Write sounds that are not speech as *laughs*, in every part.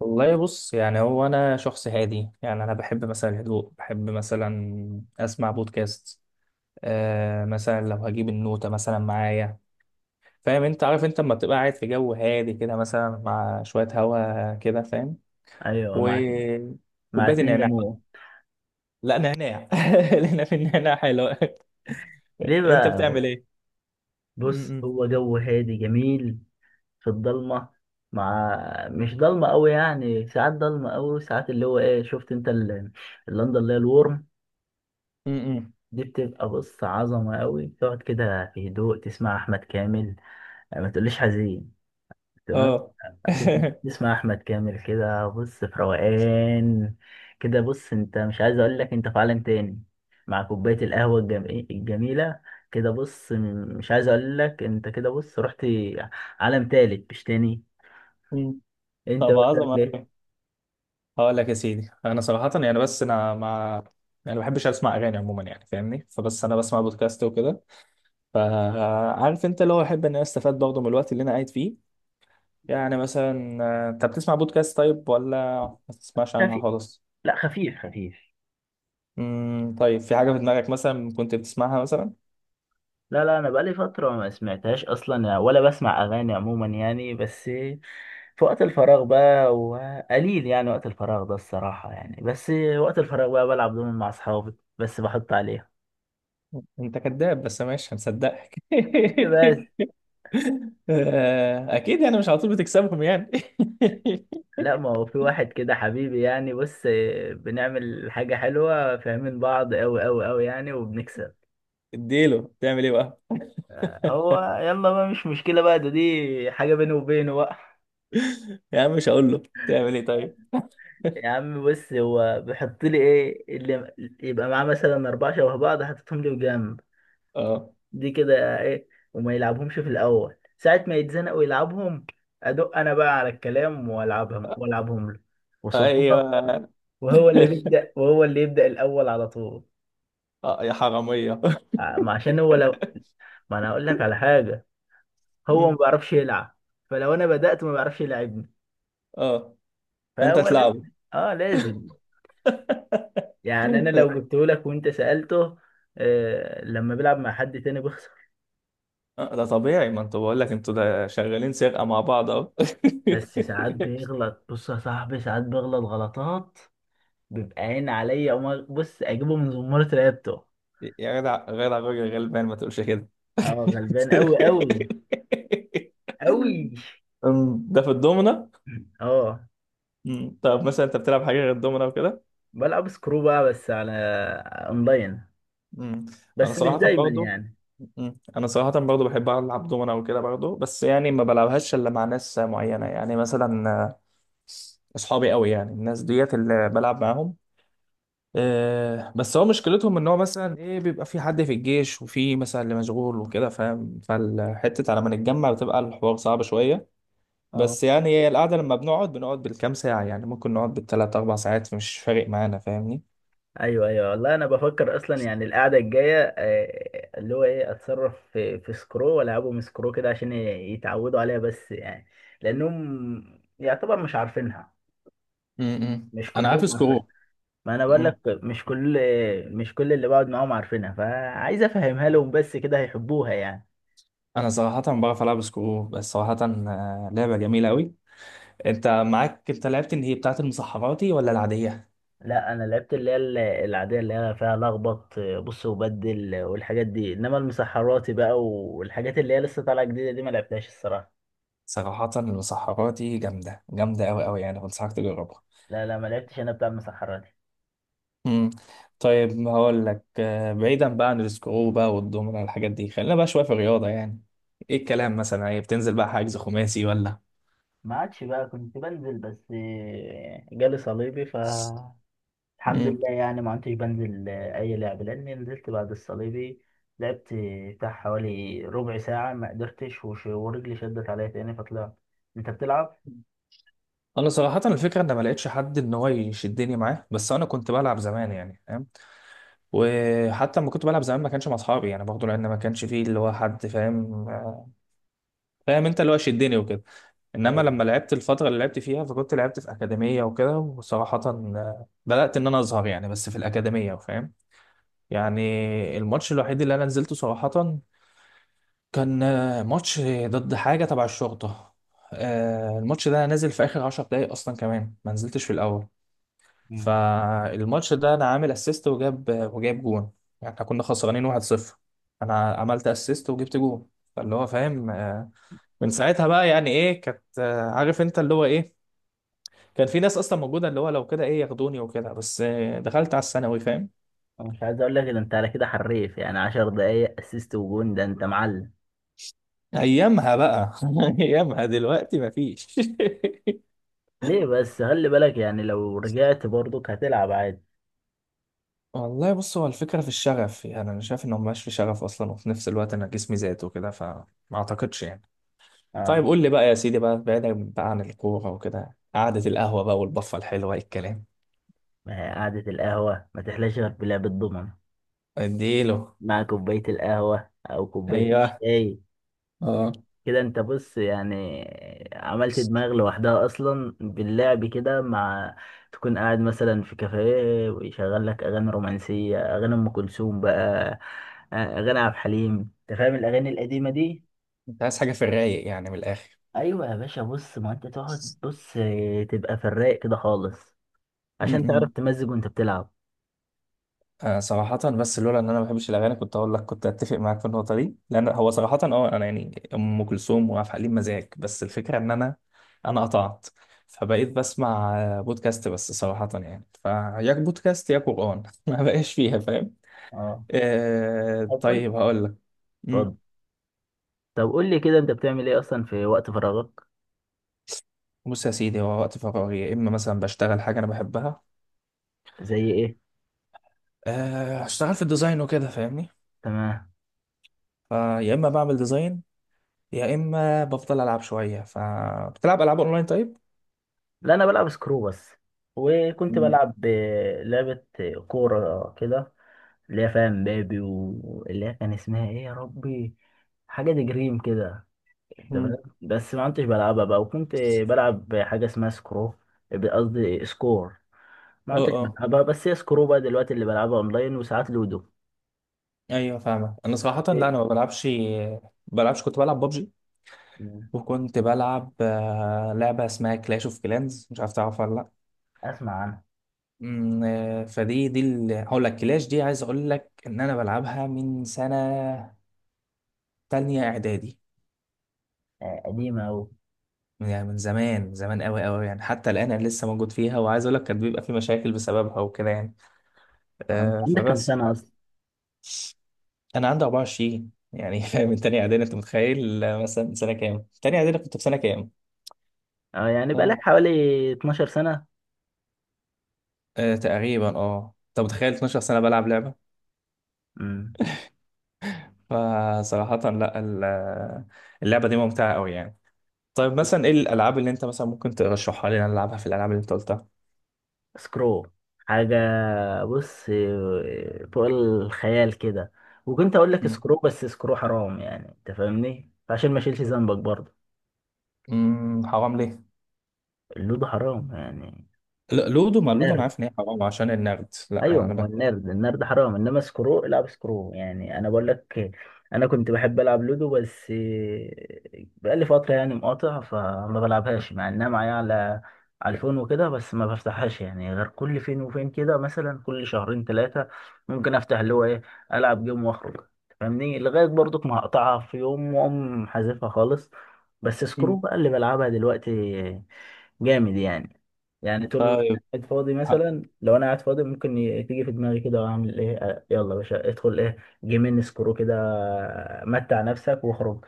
والله، بص يعني هو انا شخص هادي، يعني انا بحب مثلا الهدوء، بحب مثلا اسمع بودكاست. مثلا لو هجيب النوتة مثلا معايا، فاهم؟ انت عارف، انت لما تبقى قاعد في جو هادي كده، مثلا مع شوية هوا كده، فاهم؟ ايوه، مع وكوباية اتنين النعناع بقى. ليمون. لا، نعناع *laughs* لأن في النعناع حلو *laughs* ليه انت بقى؟ بتعمل ايه؟ بص، م- م. هو جو هادي جميل في الضلمه. مع، مش ضلمه قوي يعني، ساعات ضلمه قوي ساعات اللي هو ايه، شفت انت اللندن اللي هي الورم م- م. دي؟ بتبقى بص عظمه قوي، تقعد كده في هدوء تسمع احمد كامل، ما تقوليش حزين، تمام. اه. هتس- *laughs* تسمع احمد كامل كده بص في روقان. كده بص، انت مش عايز اقول لك انت في عالم تاني، مع كوبايه القهوه الجميله. كده بص، مش عايز اقول لك انت كده بص رحت عالم تالت مش تاني. م. انت طب بقى عظمة بتعمل ايه؟ أوي. هقول لك يا سيدي، انا صراحه يعني، بس انا ما، يعني ما بحبش اسمع اغاني عموما، يعني فاهمني. فبس انا بسمع بودكاست وكده. فعارف انت اللي هو احب ان انا استفاد برضه من الوقت اللي انا قاعد فيه. يعني مثلا انت بتسمع بودكاست طيب ولا ما بتسمعش عنها خفيف، خالص؟ لا خفيف. طيب، في حاجه في دماغك مثلا كنت بتسمعها مثلا؟ لا، انا بقالي فتره ما سمعتهاش اصلا يعني، ولا بسمع اغاني عموما يعني، بس في وقت الفراغ بقى، وقليل يعني وقت الفراغ ده الصراحه يعني، بس وقت الفراغ بقى بلعب دومين مع اصحابي، بس بحط عليها. انت كذاب، بس ماشي هنصدقك. ليه بس؟ *laughs* آه، اكيد يعني، مش على طول بتكسبهم يعني. *laughs* لا، ما هو في واحد كده حبيبي يعني، بص بنعمل حاجه حلوه، فاهمين بعض قوي قوي قوي يعني، وبنكسب. اديله تعمل ايه بقى. *laughs* هو يلا بقى، مش مشكله بقى، ده دي حاجه بيني وبينه بقى. يا عم مش هقول له تعمل ايه طيب. *laughs* يا عم بص، هو بيحط لي ايه اللي يبقى معاه، مثلا اربعة شبه بعض حطيتهم لي جنب اه. دي كده ايه، وما يلعبهمش في الاول، ساعة ما يتزنق ويلعبهم، ادق انا بقى على الكلام والعبهم، والعبهم له وصدفة، ايوه. وهو اللي بيبدأ، وهو اللي يبدأ الاول على طول. اه يا حراميه. *laughs* ما عشان هو لو، ما انا اقول لك على حاجة، هو مم. ما بيعرفش يلعب. فلو انا بدأت ما بيعرفش يلعبني، اه. فانت فهو تلعبه. لازم. اه لازم. يعني انا *laughs* لو جبته لك وانت سألته، آه، لما بيلعب مع حد تاني بيخسر. آه، ده طبيعي، ما انتوا، بقول لك انتوا ده شغالين سرقه مع بعض اهو. بس ساعات *laughs* بيغلط، بص يا صاحبي ساعات بيغلط غلطات، بيبقى عين عليا، بص اجيبه من زمارة رقبته. يا جدع جدع، راجل غلبان، ما تقولش كده. اه، *laughs* غلبان قوي قوي قوي. ده في الدومنة. اه، طب مثلا انت بتلعب حاجه غير الدومنة وكده؟ بلعب سكرو بقى، بس على اونلاين، مم. انا بس مش صراحه دايما برضه يعني. انا صراحه برضه بحب العب دومنا وكده برضه، بس يعني ما بلعبهاش الا مع ناس معينه، يعني مثلا اصحابي قوي، يعني الناس ديت اللي بلعب معاهم. بس هو مشكلتهم ان هو مثلا ايه، بيبقى في حد في الجيش، وفي مثلا اللي مشغول وكده، فاهم؟ فالحته على ما نتجمع بتبقى الحوار صعب شويه. اه. بس يعني هي القعده لما بنقعد بنقعد بالكام ساعه، يعني ممكن نقعد بالثلاث اربع ساعات، مش فارق معانا، فاهمني؟ ايوه ايوه، والله انا بفكر اصلا يعني القعده الجايه، آه، اللي هو ايه، اتصرف في سكرو والعبهم سكرو كده عشان يتعودوا عليها، بس يعني لانهم يعتبر مش عارفينها. م- م. مش انا كلهم عارف عارفين، سكرو. ما انا بقول لك مش كل اللي بقعد معاهم عارفينها، فعايز افهمها لهم بس، كده هيحبوها يعني. انا صراحه بعرف العب سكرو، بس صراحه لعبه جميله قوي. انت معاك، انت لعبت اللي هي بتاعه المسحراتي ولا العاديه؟ لا، انا لعبت اللي هي العاديه اللي هي فيها لخبط، آه، بص، وبدل، آه، والحاجات دي، انما المسحراتي بقى والحاجات اللي هي لسه طالعه جديده دي ما لعبتهاش الصراحه. صراحه المسحراتي جامده جامده قوي قوي، يعني بنصحك تجربها. لا لا، ما لعبتش انا بتاع المسحرات. امم طيب هقول لك، بعيدا بقى عن السكرو بقى والدومنة والحاجات دي، خلينا بقى شويه في الرياضه يعني. ايه الكلام، مثلا ايه، بتنزل بقى حجز خماسي ولا؟ ما عادش بقى، كنت بنزل بس آه، جالي صليبي، فالحمد امم لله يعني، ما كنتش بنزل آه، اي لعب، لاني نزلت بعد الصليبي، لعبت بتاع حوالي ربع ساعة ما قدرتش، ورجلي شدت عليا تاني فطلعت. انت بتلعب؟ انا صراحه الفكره ان ما لقيتش حد ان هو يشدني معاه، بس انا كنت بلعب زمان يعني، فاهم؟ وحتى لما كنت بلعب زمان ما كانش مع اصحابي يعني برضه، لان ما كانش فيه اللي هو حد، فاهم؟ فاهم انت اللي هو شدني وكده. انما ايوه. لما لعبت الفتره اللي لعبت فيها، فكنت لعبت في اكاديميه وكده، وصراحه بدات ان انا اظهر يعني، بس في الاكاديميه، فاهم يعني. الماتش الوحيد اللي انا نزلته صراحه كان ماتش ضد حاجه تبع الشرطه. الماتش ده أنا نازل في اخر 10 دقايق اصلا، كمان ما نزلتش في الاول. مم. فالماتش ده انا عامل اسيست وجاب وجايب جون، يعني احنا كنا خسرانين 1-0، انا عملت اسيست وجبت جون. فاللي هو فاهم، من ساعتها بقى يعني ايه، كانت عارف انت اللي هو ايه، كان في ناس اصلا موجوده اللي هو لو كده ايه ياخدوني وكده، بس دخلت على الثانوي، فاهم؟ أنا مش عايز اقول لك ده، انت على كده حريف يعني، عشر دقايق اسيست وجون، ده انت معلم. ايامها بقى. *laughs* ايامها دلوقتي مفيش. ليه بس؟ خلي بالك يعني، لو رجعت برضك هتلعب عادي. *laughs* والله بص، هو الفكره في الشغف، يعني انا شايف انه مبقاش في شغف اصلا، وفي نفس الوقت انا جسمي زاد وكده، فما اعتقدش يعني. طيب اه. قول لي بقى يا سيدي بقى، بعيدا بقى عن الكورة وكده، قعدة القهوة بقى والبفة الحلوة، إيه الكلام؟ ما هي قعدة القهوة ما تحلاش غير بلعب الضمن، اديله. مع كوباية القهوة أو كوباية ايوه. الشاي. اه. كده أنت بص يعني، عملت دماغ لوحدها أصلا باللعب كده، مع تكون قاعد مثلا في كافيه، ويشغل لك أغاني رومانسية، أغاني أم كلثوم بقى، آه، أغاني عبد الحليم، أنت فاهم الأغاني القديمة دي؟ انت عايز حاجة في الرايق يعني، من الآخر؟ أيوة يا باشا، بص ما أنت تقعد، بص تبقى في الرايق كده خالص، عشان تعرف امم تمزج وأنت بتلعب. آه صراحة، بس لولا ان انا ما بحبش الاغاني كنت اقول لك كنت اتفق معاك في النقطة دي، لان هو صراحة اه، انا يعني ام كلثوم وعبد الحليم مزاج، بس الفكرة ان انا، انا قطعت. فبقيت بسمع بودكاست، بس صراحة يعني فيا بودكاست يا قرآن *laughs* ما بقاش فيها فاهم. أه. طب قول، طيب هقول لك. اتفضل. طب قول لي كده، أنت بتعمل إيه أصلا في وقت فراغك؟ بص يا سيدي، هو وقت فراغي يا اما مثلا بشتغل حاجه انا بحبها. زي إيه؟ أه اشتغل في الديزاين وكده، فاهمني. تمام. فيا اما بعمل ديزاين، يا اما بفضل العب شويه فبتلعب العاب اونلاين طيب. لا، انا بلعب سكرو بس، وكنت مم. لعبة كورة كده، اللي هي فاهم بابي، واللي هي كان اسمها ايه يا ربي، حاجة دي جريم كده، انت مم. فاهم، بس ما كنتش بلعبها بقى، وكنت بلعب حاجة اسمها سكرو، قصدي سكور، ما اه. كنتش اه. بلعبها، بس هي سكرو بقى دلوقتي اللي بلعبها اونلاين، وساعات لودو. ايوه فاهمك. انا صراحه لا، انا ما بلعبش، كنت بلعب ببجي. مم. وكنت بلعب لعبه اسمها كلاش اوف كلانز، مش عارف تعرفها ولا لا؟ اسمع عنها. فدي دي هقول لك، كلاش دي عايز اقول لك ان انا بلعبها من سنه تانية اعدادي، آه، قديمة اوي. يعني من زمان زمان قوي قوي، يعني حتى الآن أنا لسه موجود فيها، وعايز أقول لك كان بيبقى في مشاكل بسببها وكده يعني. آه، انت عندك كام فبس سنة اصلا؟ أنا عندي 24 يعني. *laughs* فاهم؟ من تانية إعدادي أنت متخيل، مثلا سنة كام؟ تانية إعدادي كنت في سنة كام؟ اه، يعني بقالك آه. حوالي 12 سنة. تقريبا، أه أنت متخيل 12 سنة بلعب لعبة؟ امم. فصراحة لا، اللعبة دي ممتعة قوي يعني. طيب مثلا إيه الألعاب اللي أنت مثلا ممكن ترشحها لي إن أنا ألعبها في الألعاب اللي أنت قلتها؟ سكرو، حاجة بص فوق الخيال كده، وكنت اقول لك مم. سكرو بس سكرو حرام يعني، انت فاهمني، فعشان ما اشيلش ذنبك برضه. مم، حرام ليه؟ اللودو حرام يعني. لا لودو، ما لودو أنا أرد. عارف إن هي حرام عشان النقد، ايوه، لا ما أنا هو بكتب. النرد، النرد حرام، انما سكرو، العب سكرو يعني، انا بقول لك. انا كنت بحب العب لودو، بس بقالي فتره يعني مقاطع فما بلعبهاش، مع انها معايا على على الفون وكده، بس ما بفتحهاش يعني غير كل فين وفين كده، مثلا كل شهرين ثلاثه ممكن افتح اللي هو ايه، العب جيم واخرج، فاهمني، لغايه برضك ما هقطعها في يوم واقوم حذفها خالص. بس سكرو بقى اللي بلعبها دلوقتي، جامد يعني. يعني طول طيب. قاعد فاضي، ه- مثلا لو انا قاعد فاضي، ممكن تيجي في دماغي كده اعمل ايه، آه، يلا يا باشا ادخل ايه، جيمين سكرو كده، آه، متع نفسك واخرج.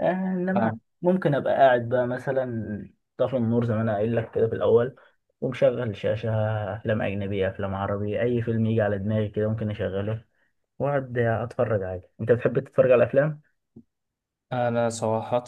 آه، انما أه. ممكن ابقى قاعد بقى مثلا، طافي النور زي ما انا قايل لك كده في الاول، ومشغل شاشة، افلام اجنبية، افلام عربي، اي فيلم يجي على دماغي كده ممكن اشغله، واقعد اتفرج عادي. انت بتحب تتفرج على افلام انا صراحة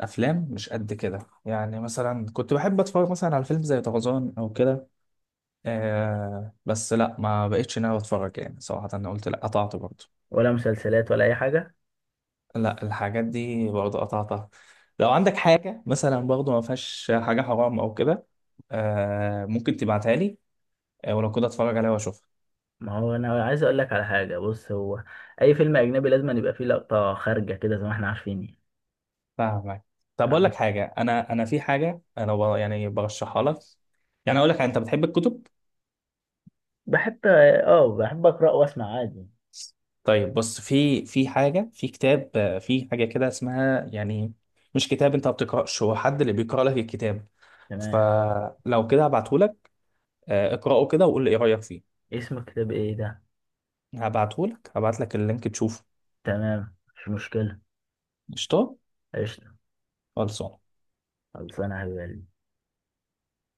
افلام مش قد كده، يعني مثلا كنت بحب اتفرج مثلا على فيلم زي طرزان او كده. بس لا، ما بقتش ناوي اتفرج يعني صراحة، انا قلت لا، قطعت برضه. ولا مسلسلات ولا اي حاجة؟ لا الحاجات دي برضه قطعتها. لو عندك حاجة مثلا برضه ما فيهاش حاجة حرام او كده، ممكن تبعتها لي، ولو كده اتفرج عليها واشوفها. ما هو انا عايز اقول لك على حاجة، بص هو اي فيلم اجنبي لازم يبقى فيه لقطة خارجة كده زي ما احنا عارفين. فاهمك. طب اقول لك حاجة، انا في حاجة انا يعني برشحها لك، يعني اقول لك، انت بتحب الكتب؟ بحب، اه بحب اقرا واسمع عادي. طيب بص، في حاجة، في كتاب في حاجة كده اسمها يعني، مش كتاب، انت ما بتقرأش، هو حد اللي بيقرأ لك الكتاب. تمام. فلو كده هبعته لك، اقرأه كده وقول لي ايه رأيك فيه. اسم الكتاب ايه ده؟ هبعته لك، هبعت لك اللينك تشوفه. تمام، مش مشكله. قشطة. قشطه. خلصان. خلصانه يا حبيبي.